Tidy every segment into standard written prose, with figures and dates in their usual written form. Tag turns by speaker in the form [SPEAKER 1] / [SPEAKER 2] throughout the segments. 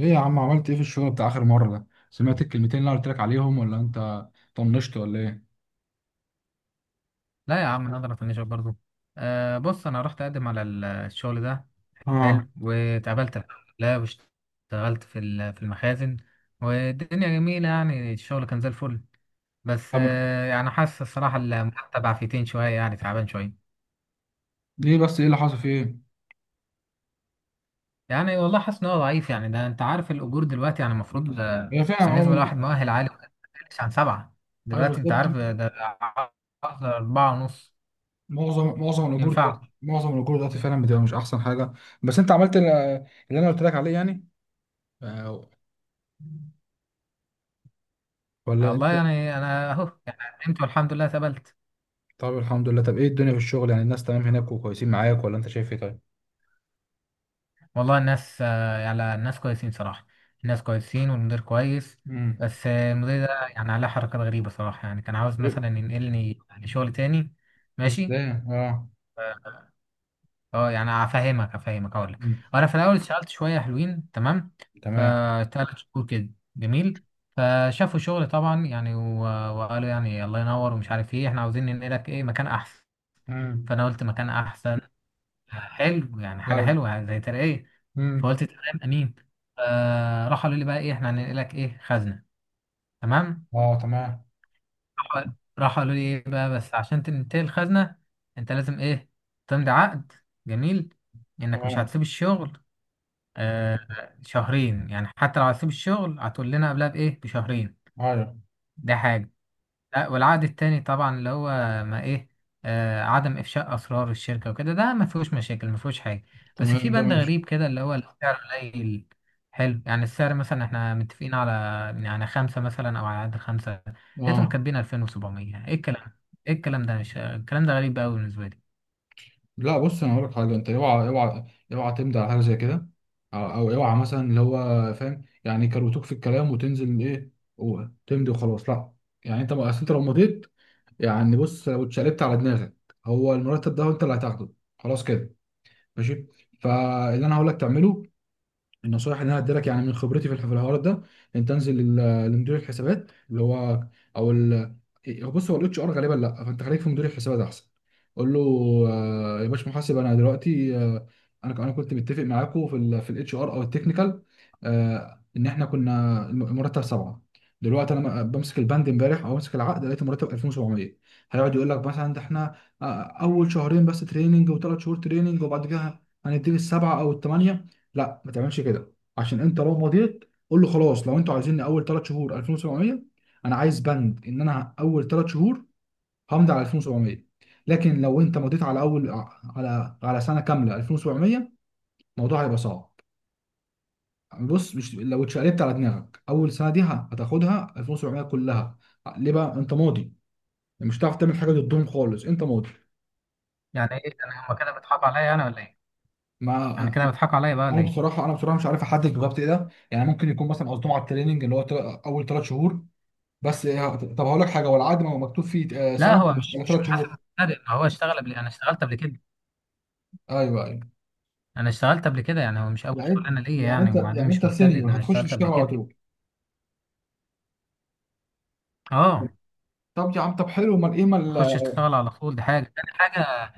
[SPEAKER 1] ايه يا عم، عملت ايه في الشغل بتاع اخر مرة ده؟ سمعت الكلمتين اللي انا قلت لك عليهم، ولا انت طنشت ولا ايه؟
[SPEAKER 2] لا يا عم نقدر افنشك برضو. آه، بص انا رحت اقدم على الشغل ده.
[SPEAKER 1] اه.
[SPEAKER 2] حلو واتقابلت. لا واشتغلت في في المخازن. والدنيا جميلة، يعني الشغل كان زي الفل. بس
[SPEAKER 1] طب
[SPEAKER 2] يعني حاسس الصراحة المرتب عفيتين شوية، يعني تعبان شوية.
[SPEAKER 1] ليه بس؟ ايه اللي حصل فيه؟
[SPEAKER 2] يعني والله حاسس ان هو ضعيف، يعني ده انت عارف الاجور دلوقتي، يعني المفروض
[SPEAKER 1] هي فعلا
[SPEAKER 2] بالنسبة
[SPEAKER 1] اول.
[SPEAKER 2] لواحد مؤهل عالي ما يقلش عن سبعة.
[SPEAKER 1] ايوه
[SPEAKER 2] دلوقتي
[SPEAKER 1] بالظبط.
[SPEAKER 2] انت عارف، ده عقد أربعة ونص، ينفع؟
[SPEAKER 1] معظم الاجور دلوقتي فعلا بتبقى مش احسن حاجة. بس انت عملت اللي انا قلت لك عليه يعني، آه، ولا
[SPEAKER 2] والله
[SPEAKER 1] انت؟
[SPEAKER 2] يعني انا اهو، يعني قدمت والحمد لله اتقبلت.
[SPEAKER 1] طب الحمد لله. طب ايه الدنيا في الشغل؟ يعني الناس تمام هناك وكويسين معاك، ولا انت شايف ايه؟ طيب.
[SPEAKER 2] والله الناس، يعني الناس كويسين صراحة. الناس كويسين والمدير كويس.
[SPEAKER 1] امم.
[SPEAKER 2] بس المدير ده يعني عليه حركات غريبة صراحة، يعني كان عاوز
[SPEAKER 1] إيه؟
[SPEAKER 2] مثلا ينقلني لشغل تاني. ماشي،
[SPEAKER 1] ازاي؟ اه.
[SPEAKER 2] اه يعني افهمك افهمك اقول لك.
[SPEAKER 1] مم.
[SPEAKER 2] انا في الاول اشتغلت شويه حلوين تمام،
[SPEAKER 1] تمام.
[SPEAKER 2] فتلات شهور كده جميل. فشافوا شغل طبعا، يعني وقالوا، يعني الله ينور ومش عارف ايه، احنا عاوزين ننقلك ايه مكان احسن.
[SPEAKER 1] امم.
[SPEAKER 2] فانا قلت مكان احسن، حلو، يعني حاجه
[SPEAKER 1] ايوه.
[SPEAKER 2] حلوه يعني زي ترقيه.
[SPEAKER 1] مم.
[SPEAKER 2] فقلت تمام امين. راح قالوا لي بقى ايه، احنا هننقلك ايه خزنه. تمام.
[SPEAKER 1] اه، تمام.
[SPEAKER 2] راح راح قالوا لي ايه بقى، بس عشان تنتقل الخزنه انت لازم ايه، تمضي عقد. جميل، انك مش
[SPEAKER 1] تمام.
[SPEAKER 2] هتسيب الشغل. آه شهرين، يعني حتى لو هتسيب الشغل هتقول لنا قبلها بايه بشهرين.
[SPEAKER 1] ايوه.
[SPEAKER 2] ده حاجه. لا والعقد التاني طبعا اللي هو، ما ايه، عدم افشاء اسرار الشركه وكده، ده ما فيهوش مشاكل، ما فيهوش حاجه. بس
[SPEAKER 1] تمام،
[SPEAKER 2] في
[SPEAKER 1] ده
[SPEAKER 2] بند
[SPEAKER 1] ماشي.
[SPEAKER 2] غريب كده اللي هو السعر قليل. حلو، يعني السعر مثلا احنا متفقين على، يعني خمسه مثلا او على قد خمسه، لقيتهم
[SPEAKER 1] اه.
[SPEAKER 2] كاتبين 2700. ايه الكلام، ايه الكلام ده، مش الكلام ده غريب قوي بالنسبه لي.
[SPEAKER 1] لا، بص، انا هقول لك حاجه. انت اوعى اوعى، اوعى تمضي على حاجه زي كده، او اوعى مثلا اللي هو، فاهم، يعني كروتوك في الكلام وتنزل ايه وتمضي وخلاص. لا. يعني انت، اصل انت لو مضيت، يعني بص، لو اتشقلبت على دماغك، هو المرتب ده انت اللي هتاخده، خلاص كده، ماشي. فاللي انا هقول لك تعمله، النصائح اللي انا هدي لك يعني من خبرتي في الحوار ده، ان تنزل لمدير الحسابات اللي هو، او ال، هو بص، هو الاتش ار غالبا. لا، فانت خليك في مدير الحسابات احسن. قول له: يا باش محاسب، انا دلوقتي، انا كنت متفق معاكم في الاتش ار او التكنيكال، ان احنا كنا المرتب سبعه. دلوقتي انا بمسك البند امبارح او بمسك العقد، لقيت المرتب 2700. هيقعد يقول لك مثلا: ده احنا اول شهرين بس تريننج، وثلاث شهور تريننج، وبعد كده هنديك السبعه او الثمانيه. لا ما تعملش كده، عشان انت لو مضيت. قول له: خلاص، لو انتوا عايزيني اول ثلاث شهور 2700، انا عايز بند ان انا اول ثلاث شهور همضي على 2700، لكن لو انت مضيت على اول، على سنه كامله 2700، الموضوع هيبقى صعب. بص، مش لو اتشقلبت على دماغك، اول سنه دي هتاخدها 2700 كلها. ليه؟ بقى انت ماضي، مش هتعرف تعمل حاجه ضدهم خالص، انت ماضي.
[SPEAKER 2] يعني ايه، انا هما كده بيضحكوا عليا انا ولا ايه؟
[SPEAKER 1] ما،
[SPEAKER 2] يعني كده بيضحكوا عليا بقى
[SPEAKER 1] انا
[SPEAKER 2] ولا ايه؟
[SPEAKER 1] بصراحه انا بصراحه مش عارف احدد بالظبط ايه ده، يعني ممكن يكون مثلا قصدهم على التريننج اللي هو، اول ثلاث شهور بس إيه، طب هقول لك حاجه، هو العقد ما هو مكتوب فيه
[SPEAKER 2] لا
[SPEAKER 1] سنه
[SPEAKER 2] هو مش
[SPEAKER 1] ولا
[SPEAKER 2] مش
[SPEAKER 1] ثلاث
[SPEAKER 2] محاسب
[SPEAKER 1] شهور؟
[SPEAKER 2] السعر، ما هو اشتغل قبل، انا اشتغلت قبل كده.
[SPEAKER 1] ايوه، ايوه.
[SPEAKER 2] انا اشتغلت قبل كده يعني، هو مش اول
[SPEAKER 1] يعني
[SPEAKER 2] شغلانه ليا
[SPEAKER 1] يعني
[SPEAKER 2] يعني.
[SPEAKER 1] انت،
[SPEAKER 2] وبعدين
[SPEAKER 1] يعني
[SPEAKER 2] مش
[SPEAKER 1] انت
[SPEAKER 2] مبتدئ، ده
[SPEAKER 1] سينيور
[SPEAKER 2] انا
[SPEAKER 1] هتخش
[SPEAKER 2] اشتغلت
[SPEAKER 1] تشتغل
[SPEAKER 2] قبل
[SPEAKER 1] على
[SPEAKER 2] كده.
[SPEAKER 1] طول.
[SPEAKER 2] اه.
[SPEAKER 1] طب يا عم، طب حلو، امال ايه امال؟
[SPEAKER 2] اخش اشتغل على طول، دي حاجه تاني حاجه.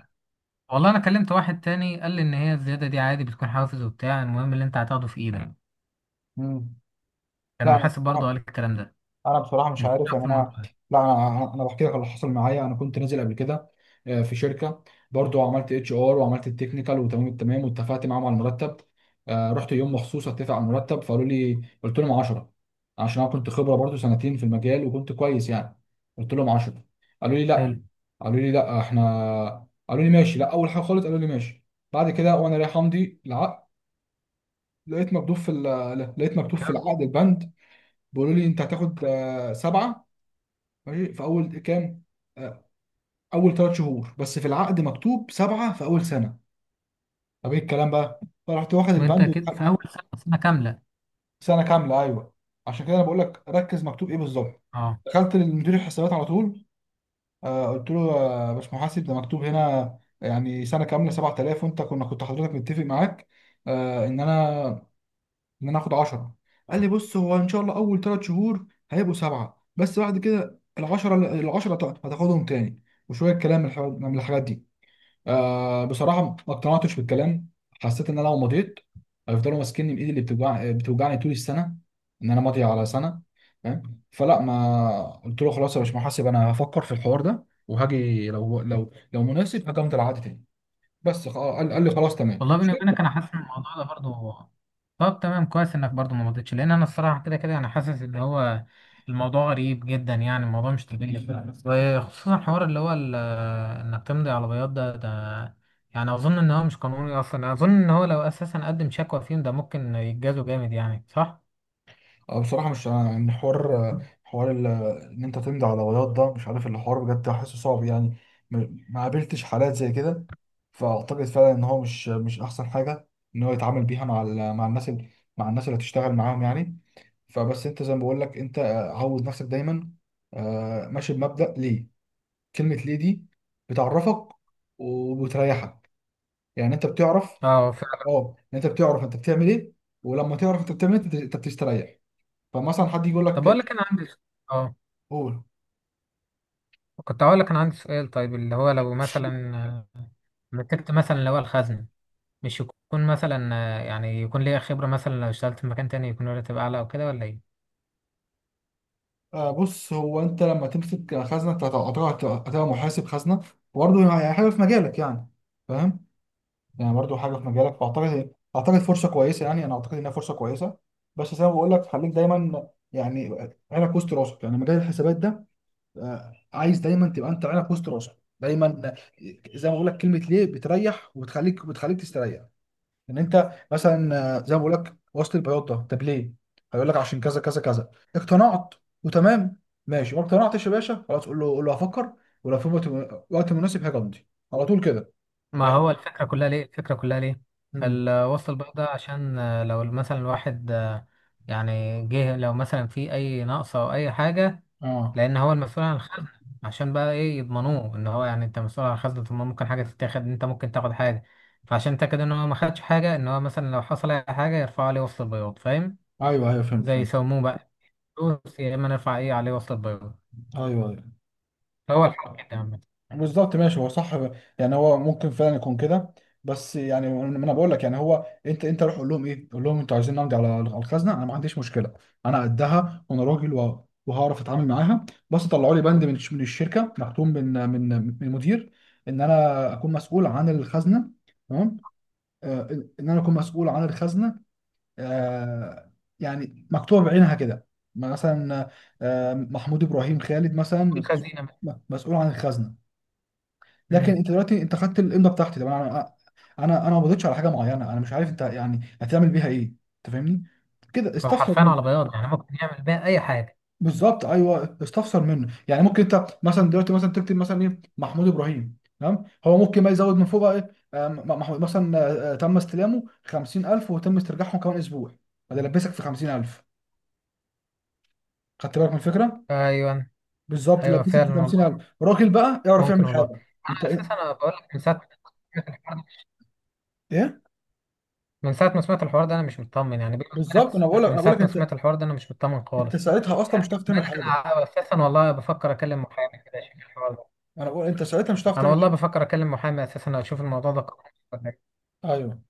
[SPEAKER 2] والله انا كلمت واحد تاني قال لي ان هي الزياده دي عادي بتكون حافز وبتاع، المهم اللي انت هتاخده في ايدك.
[SPEAKER 1] مم.
[SPEAKER 2] كان
[SPEAKER 1] لا، انا
[SPEAKER 2] محاسب برضه
[SPEAKER 1] بصراحه
[SPEAKER 2] قال الكلام ده.
[SPEAKER 1] انا بصراحه مش
[SPEAKER 2] انت إيه
[SPEAKER 1] عارف
[SPEAKER 2] رأيك
[SPEAKER 1] يعني
[SPEAKER 2] في الموضوع
[SPEAKER 1] انا.
[SPEAKER 2] ده؟
[SPEAKER 1] لا، انا بحكي لك اللي حصل معايا. انا كنت نازل قبل كده في شركه، برضو عملت اتش ار وعملت التكنيكال وتمام التمام، واتفقت معاهم على المرتب. رحت يوم مخصوص اتفق على المرتب، فقالوا لي، قلت لهم 10. عشان انا كنت خبره برضو سنتين في المجال وكنت كويس يعني، قلت لهم 10. قالوا لي
[SPEAKER 2] حلو.
[SPEAKER 1] قالوا لي لا احنا، قالوا لي ماشي. لا، اول حاجه خالص قالوا لي ماشي. بعد كده وانا رايح امضي العقد، لقيت مكتوب في العقد البند، بيقولوا لي انت هتاخد سبعه، ماشي، في اول كام، آه، اول ثلاث شهور، بس في العقد مكتوب سبعه في اول سنه. طب ايه الكلام بقى؟ فرحت واخد
[SPEAKER 2] وانت
[SPEAKER 1] البند
[SPEAKER 2] كده
[SPEAKER 1] واتحرك.
[SPEAKER 2] في اول سنه، سنه كامله؟
[SPEAKER 1] سنه كامله، ايوه. عشان كده انا بقول لك ركز مكتوب ايه بالظبط.
[SPEAKER 2] اه.
[SPEAKER 1] دخلت للمدير الحسابات على طول، قلت له: يا باش محاسب، ده مكتوب هنا يعني سنه كامله 7000، وانت كنت حضرتك متفق معاك آه، ان انا ان انا اخد 10. قال لي: بص، هو ان شاء الله اول ثلاث شهور هيبقوا سبعه، بس بعد كده ال 10، ال 10 هتاخدهم تاني، وشويه كلام من الحاجات دي. آه، بصراحه ما اقتنعتش بالكلام، حسيت ان انا لو مضيت هيفضلوا ماسكيني بايدي اللي بتوجعني طول السنه، ان انا ماضي على سنه، فاهم؟ فلا، ما قلت له: خلاص يا باشمهندس، انا هفكر في الحوار ده، وهاجي لو مناسب، هاجي امضي العقد تاني. بس قال لي خلاص تمام.
[SPEAKER 2] والله بيني وبينك انا حاسس ان الموضوع ده برضو. طب تمام، كويس انك برضو ما مضيتش، لان انا الصراحه كده كده انا حاسس ان هو الموضوع غريب جدا، يعني الموضوع مش طبيعي. وخصوصا حوار اللي هو انك تمضي على بياض، ده يعني اظن ان هو مش قانوني اصلا. اظن ان هو لو اساسا قدم شكوى فيهم، ده ممكن يتجازوا جامد، يعني صح؟
[SPEAKER 1] أه، بصراحة مش يعني حوار، حوار إن أنت تمضي على بياض ده مش عارف، الحوار بجد حاسه صعب يعني. ما قابلتش حالات زي كده. فأعتقد فعلا إن هو مش أحسن حاجة إن هو يتعامل بيها مع الناس، مع الناس اللي هتشتغل معاهم يعني. فبس أنت زي ما بقول لك، أنت عود نفسك دايما ماشي بمبدأ ليه. كلمة ليه دي بتعرفك وبتريحك، يعني أنت بتعرف.
[SPEAKER 2] اه فعلا.
[SPEAKER 1] أه يعني أنت بتعرف أنت بتعمل إيه، ولما تعرف أنت بتعمل إيه أنت بتستريح. فمثلا حد يقول
[SPEAKER 2] طب اقول
[SPEAKER 1] لك،
[SPEAKER 2] لك، اه
[SPEAKER 1] قول.
[SPEAKER 2] كنت هقول لك انا عندي سؤال. طيب اللي هو، لو مثلا مسكت مثلا اللي هو الخزنه، مش يكون مثلا يعني يكون ليا خبرة مثلا لو اشتغلت في مكان تاني، يكون الراتب أعلى أو كده ولا إيه؟
[SPEAKER 1] آه، بص، هو انت لما تمسك خزنه انت هتبقى محاسب خزنه، وبرضه يعني حاجه في مجالك يعني، فاهم؟ يعني برضه حاجه في مجالك، فاعتقد فرصه كويسه يعني، انا اعتقد انها فرصه كويسه. بس زي ما بقول لك، خليك دايما يعني عينك وسط راسك، يعني مجال الحسابات ده، عايز دايما تبقى انت عينك وسط راسك دايما، زي ما بقول لك كلمه ليه بتريح، وبتخليك بتخليك تستريح. ان انت مثلا زي ما بقول لك وصل البياضه، طب ليه؟ هيقول لك عشان كذا كذا كذا. اقتنعت وتمام، ماشي. ما اقتنعتش يا باشا؟ خلاص، قول له هفكر، ولو في وقت، وقت مناسب، هاجي امضي على طول كده.
[SPEAKER 2] ما
[SPEAKER 1] فاهم؟
[SPEAKER 2] هو الفكرة كلها ليه؟ الفكرة كلها ليه؟
[SPEAKER 1] مم.
[SPEAKER 2] الوصل البيضاء ده عشان لو مثلا الواحد يعني جه، لو مثلا في أي نقص أو أي حاجة،
[SPEAKER 1] اه.
[SPEAKER 2] لأن هو المسؤول عن الخزنة. عشان بقى إيه، يضمنوه إن هو، يعني أنت مسؤول عن الخزنة، طب ما ممكن حاجة تتاخد، أنت ممكن تاخد حاجة. فعشان تأكد إن هو ما خدش حاجة، إن هو مثلا لو حصل أي حاجة يرفعوا عليه وصل البياض، فاهم؟
[SPEAKER 1] ايوه، ايوه، فهمت،
[SPEAKER 2] زي
[SPEAKER 1] فهمت.
[SPEAKER 2] يسموه بقى، فلوس، يا إما نرفع إيه عليه وصل البياض.
[SPEAKER 1] ايوه، أيوة.
[SPEAKER 2] هو الحق كده.
[SPEAKER 1] بالظبط، ماشي، هو صح، يعني هو ممكن فعلا يكون كده. بس يعني ما انا بقول لك يعني هو، انت روح قول لهم ايه، قول لهم انتوا عايزين نمضي على الخزنه، انا ما عنديش مشكله، انا قدها وانا راجل، وهعرف اتعامل معاها، بس طلعوا لي بند من الشركه مختوم من المدير ان انا اكون مسؤول عن الخزنه، تمام. آه، ان انا اكون مسؤول عن الخزنه آه، يعني مكتوب بعينها كده، مثلا محمود ابراهيم خالد مثلا،
[SPEAKER 2] الخزينة بس.
[SPEAKER 1] مسؤول عن الخزنه. لكن
[SPEAKER 2] مم.
[SPEAKER 1] انت دلوقتي، انت خدت الامضه بتاعتي، طب انا ما قبضتش على حاجه معينه، انا مش عارف انت يعني هتعمل بيها ايه، انت فاهمني، كده
[SPEAKER 2] هو
[SPEAKER 1] استفسر
[SPEAKER 2] حرفيا
[SPEAKER 1] منه.
[SPEAKER 2] على بياض، يعني ممكن يعمل بيها أي حاجة.
[SPEAKER 1] بالظبط ايوه، استفسر منه. يعني ممكن انت مثلا دلوقتي مثلا تكتب مثلا ايه محمود ابراهيم، تمام، هو ممكن بقى يزود من فوق بقى ايه، محمود مثلا، تم استلامه 50000 وتم استرجاعهم كمان اسبوع. فده لبسك في 50000. خدت بالك من الفكره؟
[SPEAKER 2] أيوة،
[SPEAKER 1] بالظبط،
[SPEAKER 2] أيوة،
[SPEAKER 1] لبسك
[SPEAKER 2] فعلا
[SPEAKER 1] في 50000،
[SPEAKER 2] والله.
[SPEAKER 1] راجل بقى يعرف
[SPEAKER 2] ممكن
[SPEAKER 1] يعمل
[SPEAKER 2] والله.
[SPEAKER 1] حاجه.
[SPEAKER 2] أنا
[SPEAKER 1] انت،
[SPEAKER 2] أساسا أنا بقول لك، من ساعة ما سمعت الحوار ده،
[SPEAKER 1] ايه،
[SPEAKER 2] من ساعة ما سمعت الحوار ده أنا مش مطمن، يعني بيني وبينك.
[SPEAKER 1] بالظبط، انا بقول لك
[SPEAKER 2] من
[SPEAKER 1] انا بقول
[SPEAKER 2] ساعة
[SPEAKER 1] لك
[SPEAKER 2] ما
[SPEAKER 1] انت،
[SPEAKER 2] سمعت الحوار ده أنا مش مطمن
[SPEAKER 1] انت
[SPEAKER 2] خالص.
[SPEAKER 1] ساعتها اصلا مش
[SPEAKER 2] يعني
[SPEAKER 1] هتعرف
[SPEAKER 2] بيني
[SPEAKER 1] تعمل
[SPEAKER 2] وبينك
[SPEAKER 1] حاجه.
[SPEAKER 2] أنا أساسا والله بفكر أكلم محامي كده، أشوف الحوار ده.
[SPEAKER 1] ما انا بقول، انت ساعتها مش هتعرف
[SPEAKER 2] أنا
[SPEAKER 1] تعمل
[SPEAKER 2] والله
[SPEAKER 1] حاجة.
[SPEAKER 2] بفكر أكلم محامي أساسا، أشوف الموضوع ده قانوني ولا إيه.
[SPEAKER 1] ايوه،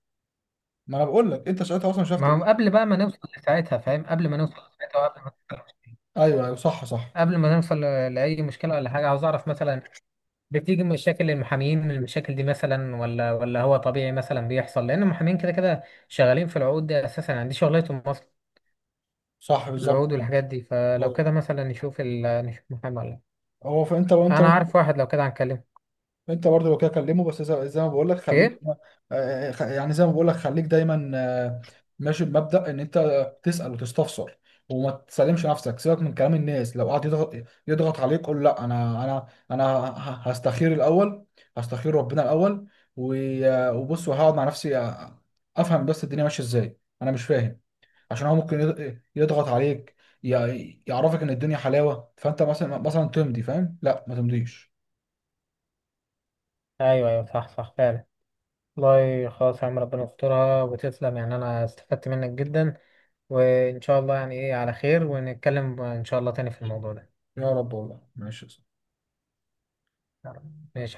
[SPEAKER 1] ما انا بقول لك انت ساعتها اصلا مش هتعرف
[SPEAKER 2] ما
[SPEAKER 1] تعمل.
[SPEAKER 2] هو قبل بقى ما نوصل لساعتها فاهم، قبل ما نوصل لساعتها، وقبل ما
[SPEAKER 1] ايوه، ايوه، صح، صح،
[SPEAKER 2] قبل ما نوصل لأي مشكلة ولا حاجة، عاوز أعرف مثلا، بتيجي مشاكل المحامين من المشاكل دي مثلا، ولا هو طبيعي مثلا بيحصل، لان المحامين كده كده شغالين في العقود دي اساسا، يعني دي شغلتهم اصلا،
[SPEAKER 1] صح، بالظبط
[SPEAKER 2] العقود
[SPEAKER 1] يعني.
[SPEAKER 2] والحاجات دي. فلو
[SPEAKER 1] أيوة.
[SPEAKER 2] كده مثلا نشوف نشوف محامي ولا لأ.
[SPEAKER 1] هو، وانت
[SPEAKER 2] انا
[SPEAKER 1] ممكن.
[SPEAKER 2] عارف واحد لو كده هنكلمه.
[SPEAKER 1] انت برضه لو كده كلمه، بس زي ما بقول لك خليك،
[SPEAKER 2] ايه.
[SPEAKER 1] يعني زي ما بقول لك خليك دايما ماشي بمبدأ ان انت تسأل وتستفسر، وما تسلمش نفسك، سيبك من كلام الناس. لو قعد يضغط عليك قول: لا، انا هستخير الاول، هستخير ربنا الاول، و- وبص، وهقعد مع نفسي، افهم بس الدنيا ماشيه ازاي، انا مش فاهم. عشان هو ممكن يضغط عليك، يعرفك ان الدنيا حلاوه، فانت مثلا تمضي، فاهم؟ لا، ما تمضيش.
[SPEAKER 2] ايوه، ايوه، صح، صح، فعلا. والله خلاص يا عم، ربنا يسترها وتسلم، يعني انا استفدت منك جدا. وان شاء الله يعني ايه على خير، ونتكلم ان شاء الله تاني في الموضوع ده.
[SPEAKER 1] يا رب، والله ماشي يا
[SPEAKER 2] ماشي.
[SPEAKER 1] صاحبي.